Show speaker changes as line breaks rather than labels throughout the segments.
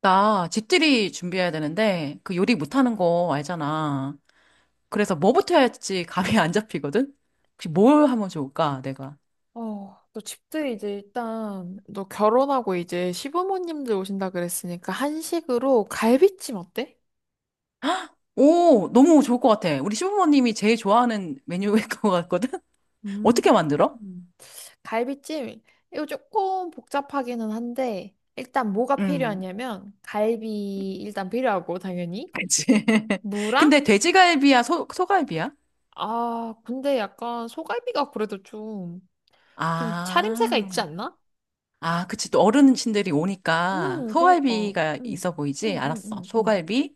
나 집들이 준비해야 되는데 그 요리 못하는 거 알잖아. 그래서 뭐부터 해야 할지 감이 안 잡히거든? 혹시 뭘 하면 좋을까, 내가?
어, 너 집들 이제 일단 너 결혼하고 이제 시부모님들 오신다 그랬으니까 한식으로 갈비찜 어때?
오, 너무 좋을 것 같아. 우리 시부모님이 제일 좋아하는 메뉴일 것 같거든?
음,
어떻게 만들어?
갈비찜 이거 조금 복잡하기는 한데 일단 뭐가
음,
필요하냐면 갈비 일단 필요하고 당연히
그치.
무랑
근데 돼지갈비야, 소, 소갈비야?
아 근데 약간 소갈비가 그래도 좀 좀 차림새가 있지
아,
않나?
아, 그치. 또 어르신들이 오니까
그니까
소갈비가 있어 보이지?
음, 음,
알았어.
음, 음, 음.
소갈비.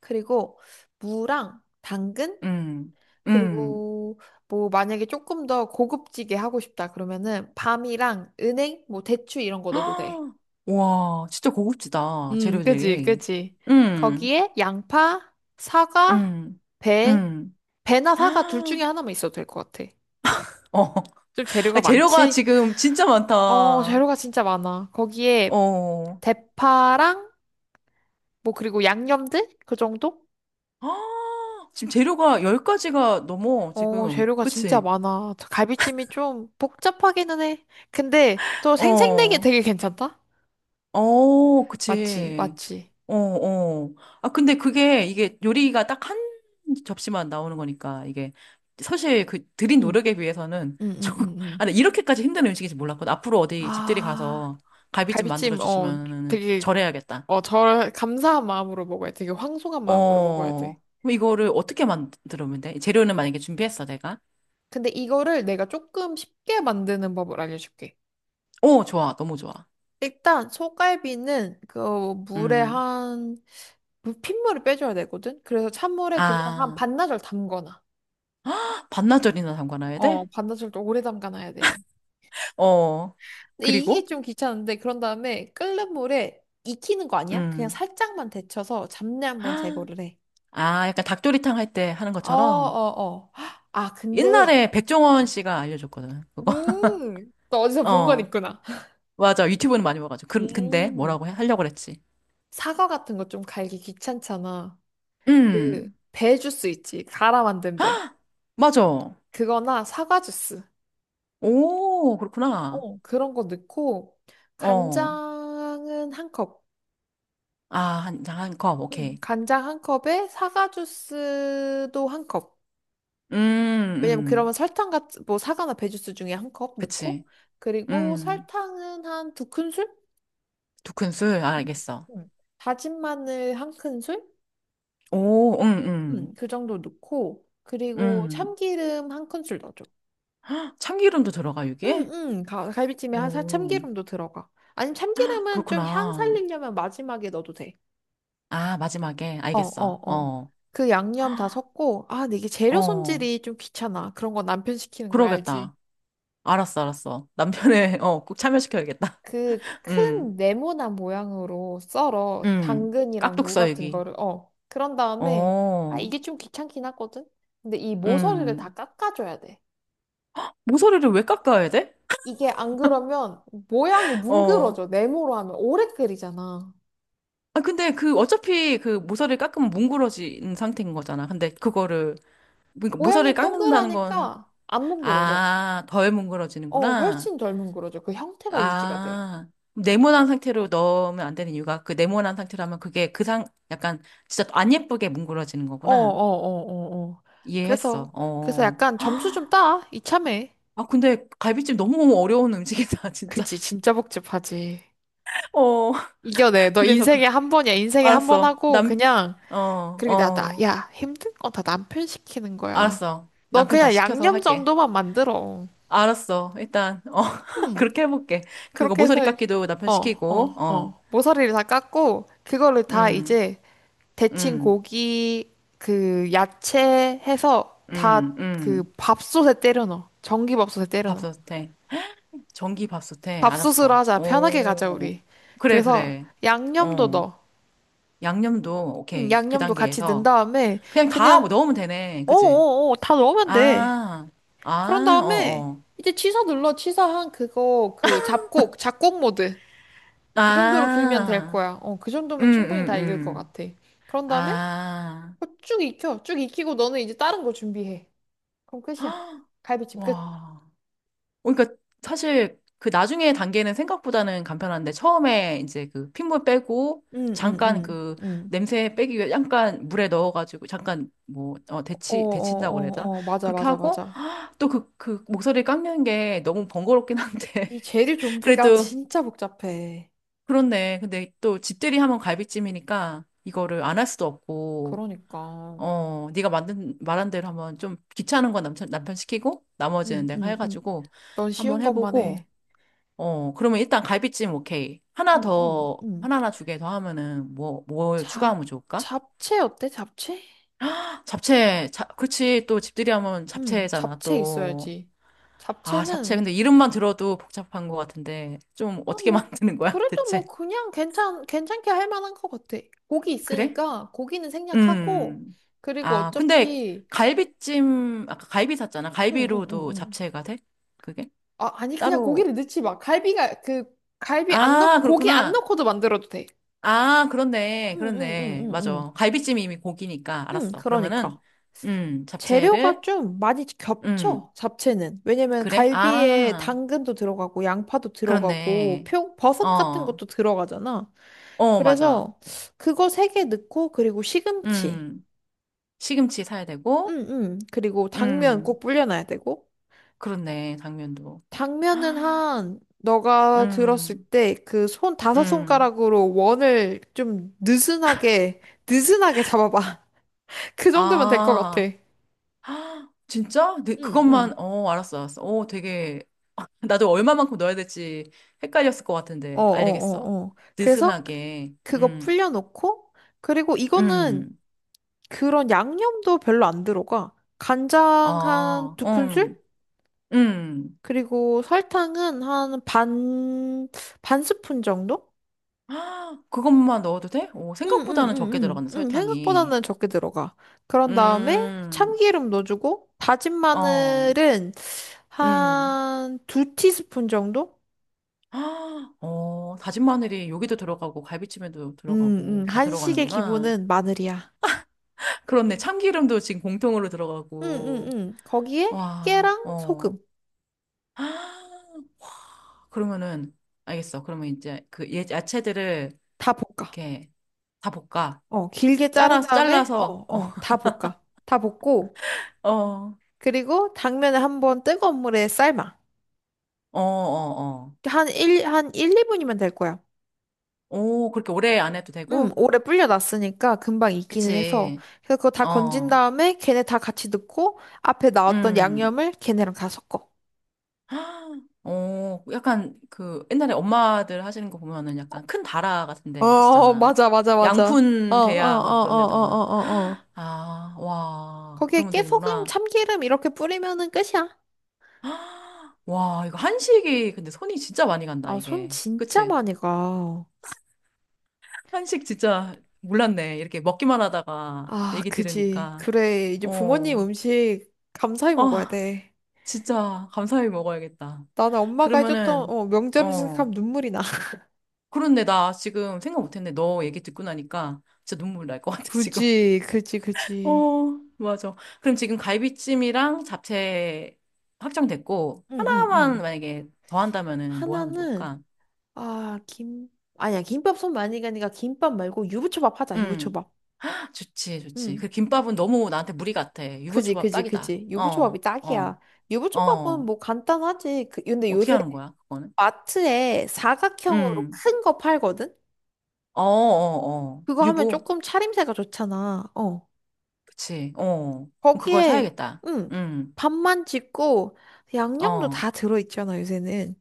그리고 무랑 당근
음, 음.
그리고 뭐 만약에 조금 더 고급지게 하고 싶다 그러면은 밤이랑 은행 뭐 대추 이런 거 넣어도 돼.
아, 와, 진짜 고급지다.
그지,
재료들이.
그지.
음,
거기에 양파, 사과,
음,
배,
음.
배나 사과 둘
아,
중에 하나만 있어도 될 것 같아.
어,
좀
아,
재료가
재료가
많지?
지금 진짜
어,
많다.
재료가 진짜 많아. 거기에
어.
대파랑 뭐 그리고 양념들 그 정도?
아, 지금 재료가 열 가지가 넘어,
어,
지금.
재료가 진짜
그치?
많아. 갈비찜이 좀 복잡하기는 해. 근데 또 생생내기
어.
되게 괜찮다.
어,
맞지,
그치.
맞지.
어, 어. 아, 근데 그게, 이게 요리가 딱 한 접시만 나오는 거니까, 이게, 사실 그 들인
응.
노력에 비해서는
응, 응,
조금,
응,
아,
응.
근 이렇게까지 힘든 음식인지 몰랐거든. 앞으로 어디 집들이
아,
가서 갈비찜
갈비찜, 어,
만들어주시면은
되게,
절해야겠다.
어, 절, 감사한 마음으로 먹어야 돼. 되게 황송한 마음으로 먹어야 돼.
어, 그럼 이거를 어떻게 만들면 돼? 재료는 만약에 준비했어, 내가?
근데 이거를 내가 조금 쉽게 만드는 법을 알려줄게.
어, 좋아. 너무 좋아.
일단, 소갈비는 그 물에
음.
한, 핏물을 빼줘야 되거든? 그래서 찬물에 그냥 한
아,
반나절 담거나,
반나절이나 담가놔야
어,
돼?
반나절 또 오래 담가놔야 돼.
어.
근데 이게
그리고?
좀 귀찮은데 그런 다음에 끓는 물에 익히는 거 아니야? 그냥
음.
살짝만 데쳐서 잡내 한번 제거를 해.
아, 약간 닭도리탕 할 때 하는
어,
것처럼
어, 어. 아, 근데
옛날에 백종원 씨가 알려줬거든. 그거.
너 어디서 본 건
어,
있구나.
맞아. 유튜브는 많이 봐가지고. 근데
음,
뭐라고 해? 하려고 그랬지.
사과 같은 거 좀 갈기 귀찮잖아. 그,
음,
배 주스 있지. 갈아 만든 배.
맞아.
그거나 사과 주스.
오, 그렇구나.
어, 그런 거 넣고,
어,
간장은 한 컵.
아, 한 컵, 오케이.
간장 한 컵에 사과 주스도 한 컵.
음,
왜냐면
음,
그러면 설탕 같은 뭐 사과나 배주스 중에 한 컵
그치.
넣고 그리고
음,
설탕은 한 두 큰술?
두 큰술, 아,
음,
알겠어.
음. 다진 마늘 한 큰술?
오,
그 정도 넣고
음,
그리고
음.
참기름 한 큰술 넣어줘.
참기름도 들어가,
응,
이게?
응. 갈비찜에 한 살
오,
참기름도 들어가. 아니면 참기름은 좀 향
그렇구나.
살리려면 마지막에 넣어도 돼.
아, 마지막에,
어,
알겠어.
어, 어.
어,
그 양념 다 섞고 아, 근데 이게 재료
어,
손질이 좀 귀찮아. 그런 거 남편 시키는 거야, 알지?
그러겠다. 알았어, 알았어. 남편의, 어, 꼭 참여시켜야겠다.
그
음,
큰 네모난 모양으로 썰어 당근이랑 무 같은
깍둑썰기.
거를 어 그런 다음에 아
어,
이게 좀 귀찮긴 하거든. 근데 이 모서리를 다
음.
깎아줘야 돼.
모서리를 왜 깎아야 돼?
이게 안 그러면 모양이
어.
뭉그러져. 네모로 하면 오래 끓이잖아.
아, 근데 그, 어차피 그 모서리를 깎으면 뭉그러진 상태인 거잖아. 근데 그거를, 그러니까 모서리를
모양이
깎는다는 건,
동그라니까 안 뭉그러져.
아, 덜
어
뭉그러지는구나.
훨씬 덜 뭉그러져. 그 형태가 유지가 돼.
아. 네모난 상태로 넣으면 안 되는 이유가 그 네모난 상태라면 그게 약간 진짜 안 예쁘게 뭉그러지는
어 어
거구나.
어 어어 그래서
이해했어.
그래서
어.
약간 점수 좀 따 이참에.
아, 근데 갈비찜 너무 어려운 음식이다,
그치
진짜.
진짜 복잡하지.
어,
이겨내. 너
그래서
인생에 한 번이야. 인생에 한 번
알았어.
하고 그냥
어,
그리고 나, 나,
어,
야, 힘든 건 다 남편 시키는 거야.
알았어.
넌
남편 다
그냥
시켜서
양념
할게.
정도만 만들어.
알았어. 일단, 어,
음,
그렇게 해볼게. 그거
그렇게 해서
모서리 깎기도 남편
어,
시키고,
어,
어,
어. 모서리를 다 깎고 그거를 다
음,
이제 데친
음,
고기 그 야채 해서 다
음,
그
음.
밥솥에 때려 넣어. 전기밥솥에 때려 넣어.
밥솥에. 전기 밥솥에.
밥솥으로
알았어.
하자. 편하게 가자,
오,
우리.
그래,
그래서
그래.
양념도
어,
넣어.
양념도, 오케이. 그
양념도 같이 넣은
단계에서.
다음에
그냥 다
그냥
넣으면 되네. 그치?
어어어, 다 넣으면 돼.
아,
그런
아,
다음에
어어.
이제 취사 눌러. 취사한 그거 그 잡곡 모드. 그 정도로 길면 될
아,
거야. 어, 그
음,
정도면 충분히
음,
다 익을 것
음.
같아. 그런 다음에
아,
그거 쭉 익혀. 쭉 익히고 너는 이제 다른 거 준비해. 그럼 끝이야.
헉,
갈비찜 끝.
와. 어, 그러니까 사실 그 나중에 단계는 생각보다는 간편한데 처음에 이제 그 핏물 빼고
응, 응,
잠깐
응,
그
응.
냄새 빼기 위해 잠깐 물에 넣어가지고 잠깐 뭐, 어,
어, 어,
데친다고 그래야 되나?
어, 어, 맞아,
그렇게
맞아,
하고
맞아.
또 그 목소리 깎는 게 너무 번거롭긴 한데
이 재료 좀비가
그래도
진짜 복잡해.
그렇네. 근데 또 집들이 하면 갈비찜이니까 이거를 안 할 수도 없고,
그러니까.
어, 네가 만든 말한 대로 한번 좀 귀찮은 건 남편 시키고 나머지는
응,
내가
응, 응.
해가지고
넌 쉬운
한번
것만 해.
해보고, 어, 그러면 일단 갈비찜 오케이. 하나
응, 응,
더
응.
하나나 두 개 더 하면은 뭘
잡,
추가하면 좋을까?
잡채 어때? 잡채?
잡채, 그치. 또 집들이 하면
응,
잡채잖아.
잡채
또.
있어야지.
아, 잡채.
잡채는,
근데 이름만 들어도 복잡한 것 같은데 좀
아,
어떻게
뭐,
만드는 거야,
그래도
대체?
뭐, 그냥 괜찮게 할 만한 것 같아. 고기
그래?
있으니까, 고기는 생략하고,
음.
그리고
아, 근데
어차피,
갈비찜, 아까 갈비 샀잖아.
응, 응, 응,
갈비로도
응.
잡채가 돼? 그게?
아, 아니, 그냥
따로.
고기를 넣지 마. 갈비가, 그, 갈비 안 넣,
아,
고기 안
그렇구나.
넣고도 만들어도 돼.
아, 그렇네.
응, 응, 응,
그렇네.
응, 응.
맞아. 갈비찜이 이미 고기니까.
응,
알았어. 그러면은,
그러니까. 재료가
잡채를,
좀 많이
음,
겹쳐, 잡채는. 왜냐면
그래?
갈비에
아,
당근도 들어가고, 양파도 들어가고,
그렇네.
버섯 같은
어,
것도 들어가잖아.
어, 맞아.
그래서 그거 세 개 넣고, 그리고 시금치.
음, 시금치 사야 되고,
응, 응. 그리고 당면 꼭
음,
불려놔야 되고.
그렇네. 당면도. 헉,
당면은 한, 너가 들었을
음,
때 그 손 다섯
음.
손가락으로 원을 좀 느슨하게, 느슨하게 잡아봐. 그 정도면 될 것 같아.
아, 아, 진짜? 네,
응,
그것만,
응.
어, 알았어, 알았어. 어, 되게, 나도 얼마만큼 넣어야 될지 헷갈렸을 것
어, 어,
같은데, 알겠어.
어, 어. 그래서
느슨하게,
그거 풀려놓고, 그리고 이거는
음,
그런 양념도 별로 안 들어가. 간장 한
아,
두 큰술?
음.
그리고 설탕은 한 반, 반 스푼 정도?
아, 그것만 넣어도 돼? 오,
응, 응,
생각보다는 적게
응,
들어가는
응. 응,
설탕이.
생각보다는 적게 들어가. 그런 다음에
음,
참기름 넣어주고, 다진
어,
마늘은
음.
한 두 티스푼 정도?
아, 어, 다진 마늘이 여기도 들어가고, 갈비찜에도
응, 응.
들어가고, 다
한식의
들어가는구나.
기본은 마늘이야.
그렇네. 참기름도 지금 공통으로
응, 응,
들어가고.
응. 거기에
와,
깨랑
어.
소금.
그러면은, 알겠어. 그러면 이제 그 야채들을
다 볶아.
이렇게 다 볶아.
어, 길게 자른
잘라서,
다음에, 어,
잘라서, 어,
어, 다 볶아. 다 볶고,
어, 어,
그리고 당면을 한번 뜨거운 물에 삶아.
어, 어.
한 1, 한 일, 2분이면 될 거야.
오, 그렇게 오래 안 해도
응,
되고?
오래 불려놨으니까 금방 익기는 해서.
그치.
그래서 그거 다 건진
어,
다음에 걔네 다 같이 넣고, 앞에 나왔던
음.
양념을 걔네랑 다 섞어.
오, 약간 그 옛날에 엄마들 하시는 거 보면은 약간 큰 다라 같은 데
어,
하시잖아.
맞아, 맞아, 맞아. 어, 어, 어,
양푼 대야 막 그런
어, 어,
데다가.
어, 어. 어.
아, 와,
거기에
그러면
깨소금,
되는구나.
참기름 이렇게 뿌리면은 끝이야.
와, 이거 한식이 근데 손이 진짜 많이 간다,
아, 손
이게.
진짜
그치?
많이 가.
한식 진짜 몰랐네. 이렇게 먹기만 하다가
아,
얘기
그지.
들으니까.
그래. 이제 부모님
어,
음식 감사히 먹어야
아,
돼.
진짜 감사히 먹어야겠다.
나는 엄마가 해줬던,
그러면은,
어, 명절 음식 생각하면
어,
눈물이 나.
그런데 나 지금 생각 못했는데 너 얘기 듣고 나니까 진짜 눈물 날 것 같아, 지금.
그지, 그지, 그지.
어, 맞아. 그럼 지금 갈비찜이랑 잡채 확정됐고,
응, 응,
하나만
응.
만약에 더 한다면은 뭐 하면
하나는,
좋을까?
아, 김, 아니야, 김밥 손 많이 가니까 김밥 말고 유부초밥 하자,
응.
유부초밥.
좋지, 좋지.
응.
그 김밥은 너무 나한테 무리 같아.
그지,
유부초밥
그지,
딱이다.
그지. 유부초밥이
어, 어,
딱이야. 유부초밥은
어.
뭐 간단하지. 그, 근데
어떻게
요새
하는 거야, 그거는?
마트에 사각형으로
음,
큰 거 팔거든?
어, 어, 어.
그거 하면
유부?
조금 차림새가 좋잖아. 어.
그치, 어. 그럼 그걸
거기에
사야겠다.
음
음,
밥만 짓고 양념도
어,
다 들어있잖아 요새는.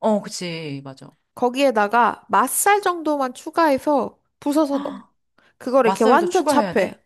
어, 그치, 맞아.
거기에다가 맛살 정도만 추가해서 부숴서 넣어. 그걸 이렇게
맛살도
완전 차
추가해야
해
돼?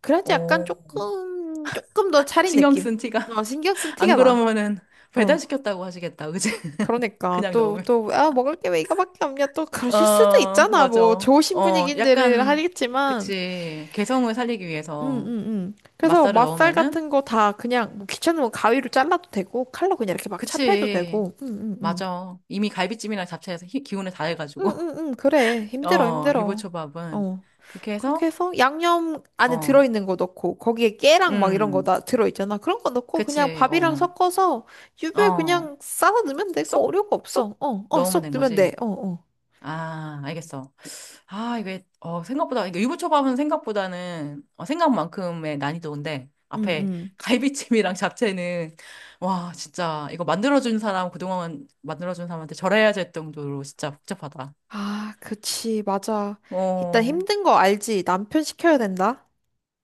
그래야지 약간
어,
조금 더 차린
신경
느낌.
쓴 티가.
어 신경 쓴
안
티가
그러면은
나어
배달시켰다고 하시겠다, 그치?
그러니까
그냥 넣으면.
또 아 먹을 게 왜 이거밖에 없냐 또 그러실 수도
어,
있잖아.
맞아.
뭐 좋으신
어,
분위기인들
약간,
하겠지만
그치. 개성을 살리기 위해서
응응응. 그래서
맛살을
맛살
넣으면은,
같은 거 다 그냥 뭐 귀찮으면 뭐 가위로 잘라도 되고 칼로 그냥 이렇게 막 찹해도
그치.
되고. 응응응.
맞아. 이미 갈비찜이랑 잡채에서 기운을 다 해가지고.
응응응. 그래. 힘들어
어,
힘들어.
유부초밥은.
어.
그렇게
그렇게
해서,
해서 양념 안에
어,
들어있는 거 넣고 거기에 깨랑 막 이런 거
음,
다 들어있잖아. 그런 거 넣고 그냥
그치,
밥이랑
어,
섞어서 유부에
어,
그냥 싸서 넣으면 돼. 그거
쏙,
어려울 거 없어.
쏙
어, 어,
넣으면
쏙
된
넣으면 돼.
거지.
어, 어.
아, 알겠어. 아, 이게, 어, 생각보다, 이게 유부초밥은 생각보다는, 어, 생각만큼의 난이도인데,
응,
앞에
응.
갈비찜이랑 잡채는, 와, 진짜, 이거 만들어준 사람, 그동안 만들어준 사람한테 절해야 될 정도로 진짜 복잡하다.
아, 그치. 맞아. 일단
어,
힘든 거 알지. 남편 시켜야 된다.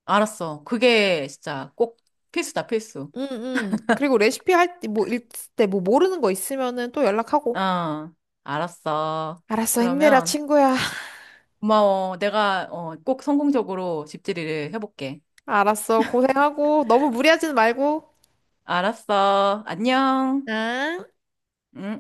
알았어. 그게 진짜 꼭 필수다, 필수.
응, 응. 그리고 레시피 할 때, 뭐, 읽을 때, 뭐, 모르는 거 있으면은 또 연락하고.
어, 알았어.
알았어, 힘내라,
그러면
친구야.
고마워. 내가 어, 꼭 성공적으로 집들이를 해볼게.
알았어, 고생하고. 너무 무리하지는 말고.
알았어. 안녕.
응?
응.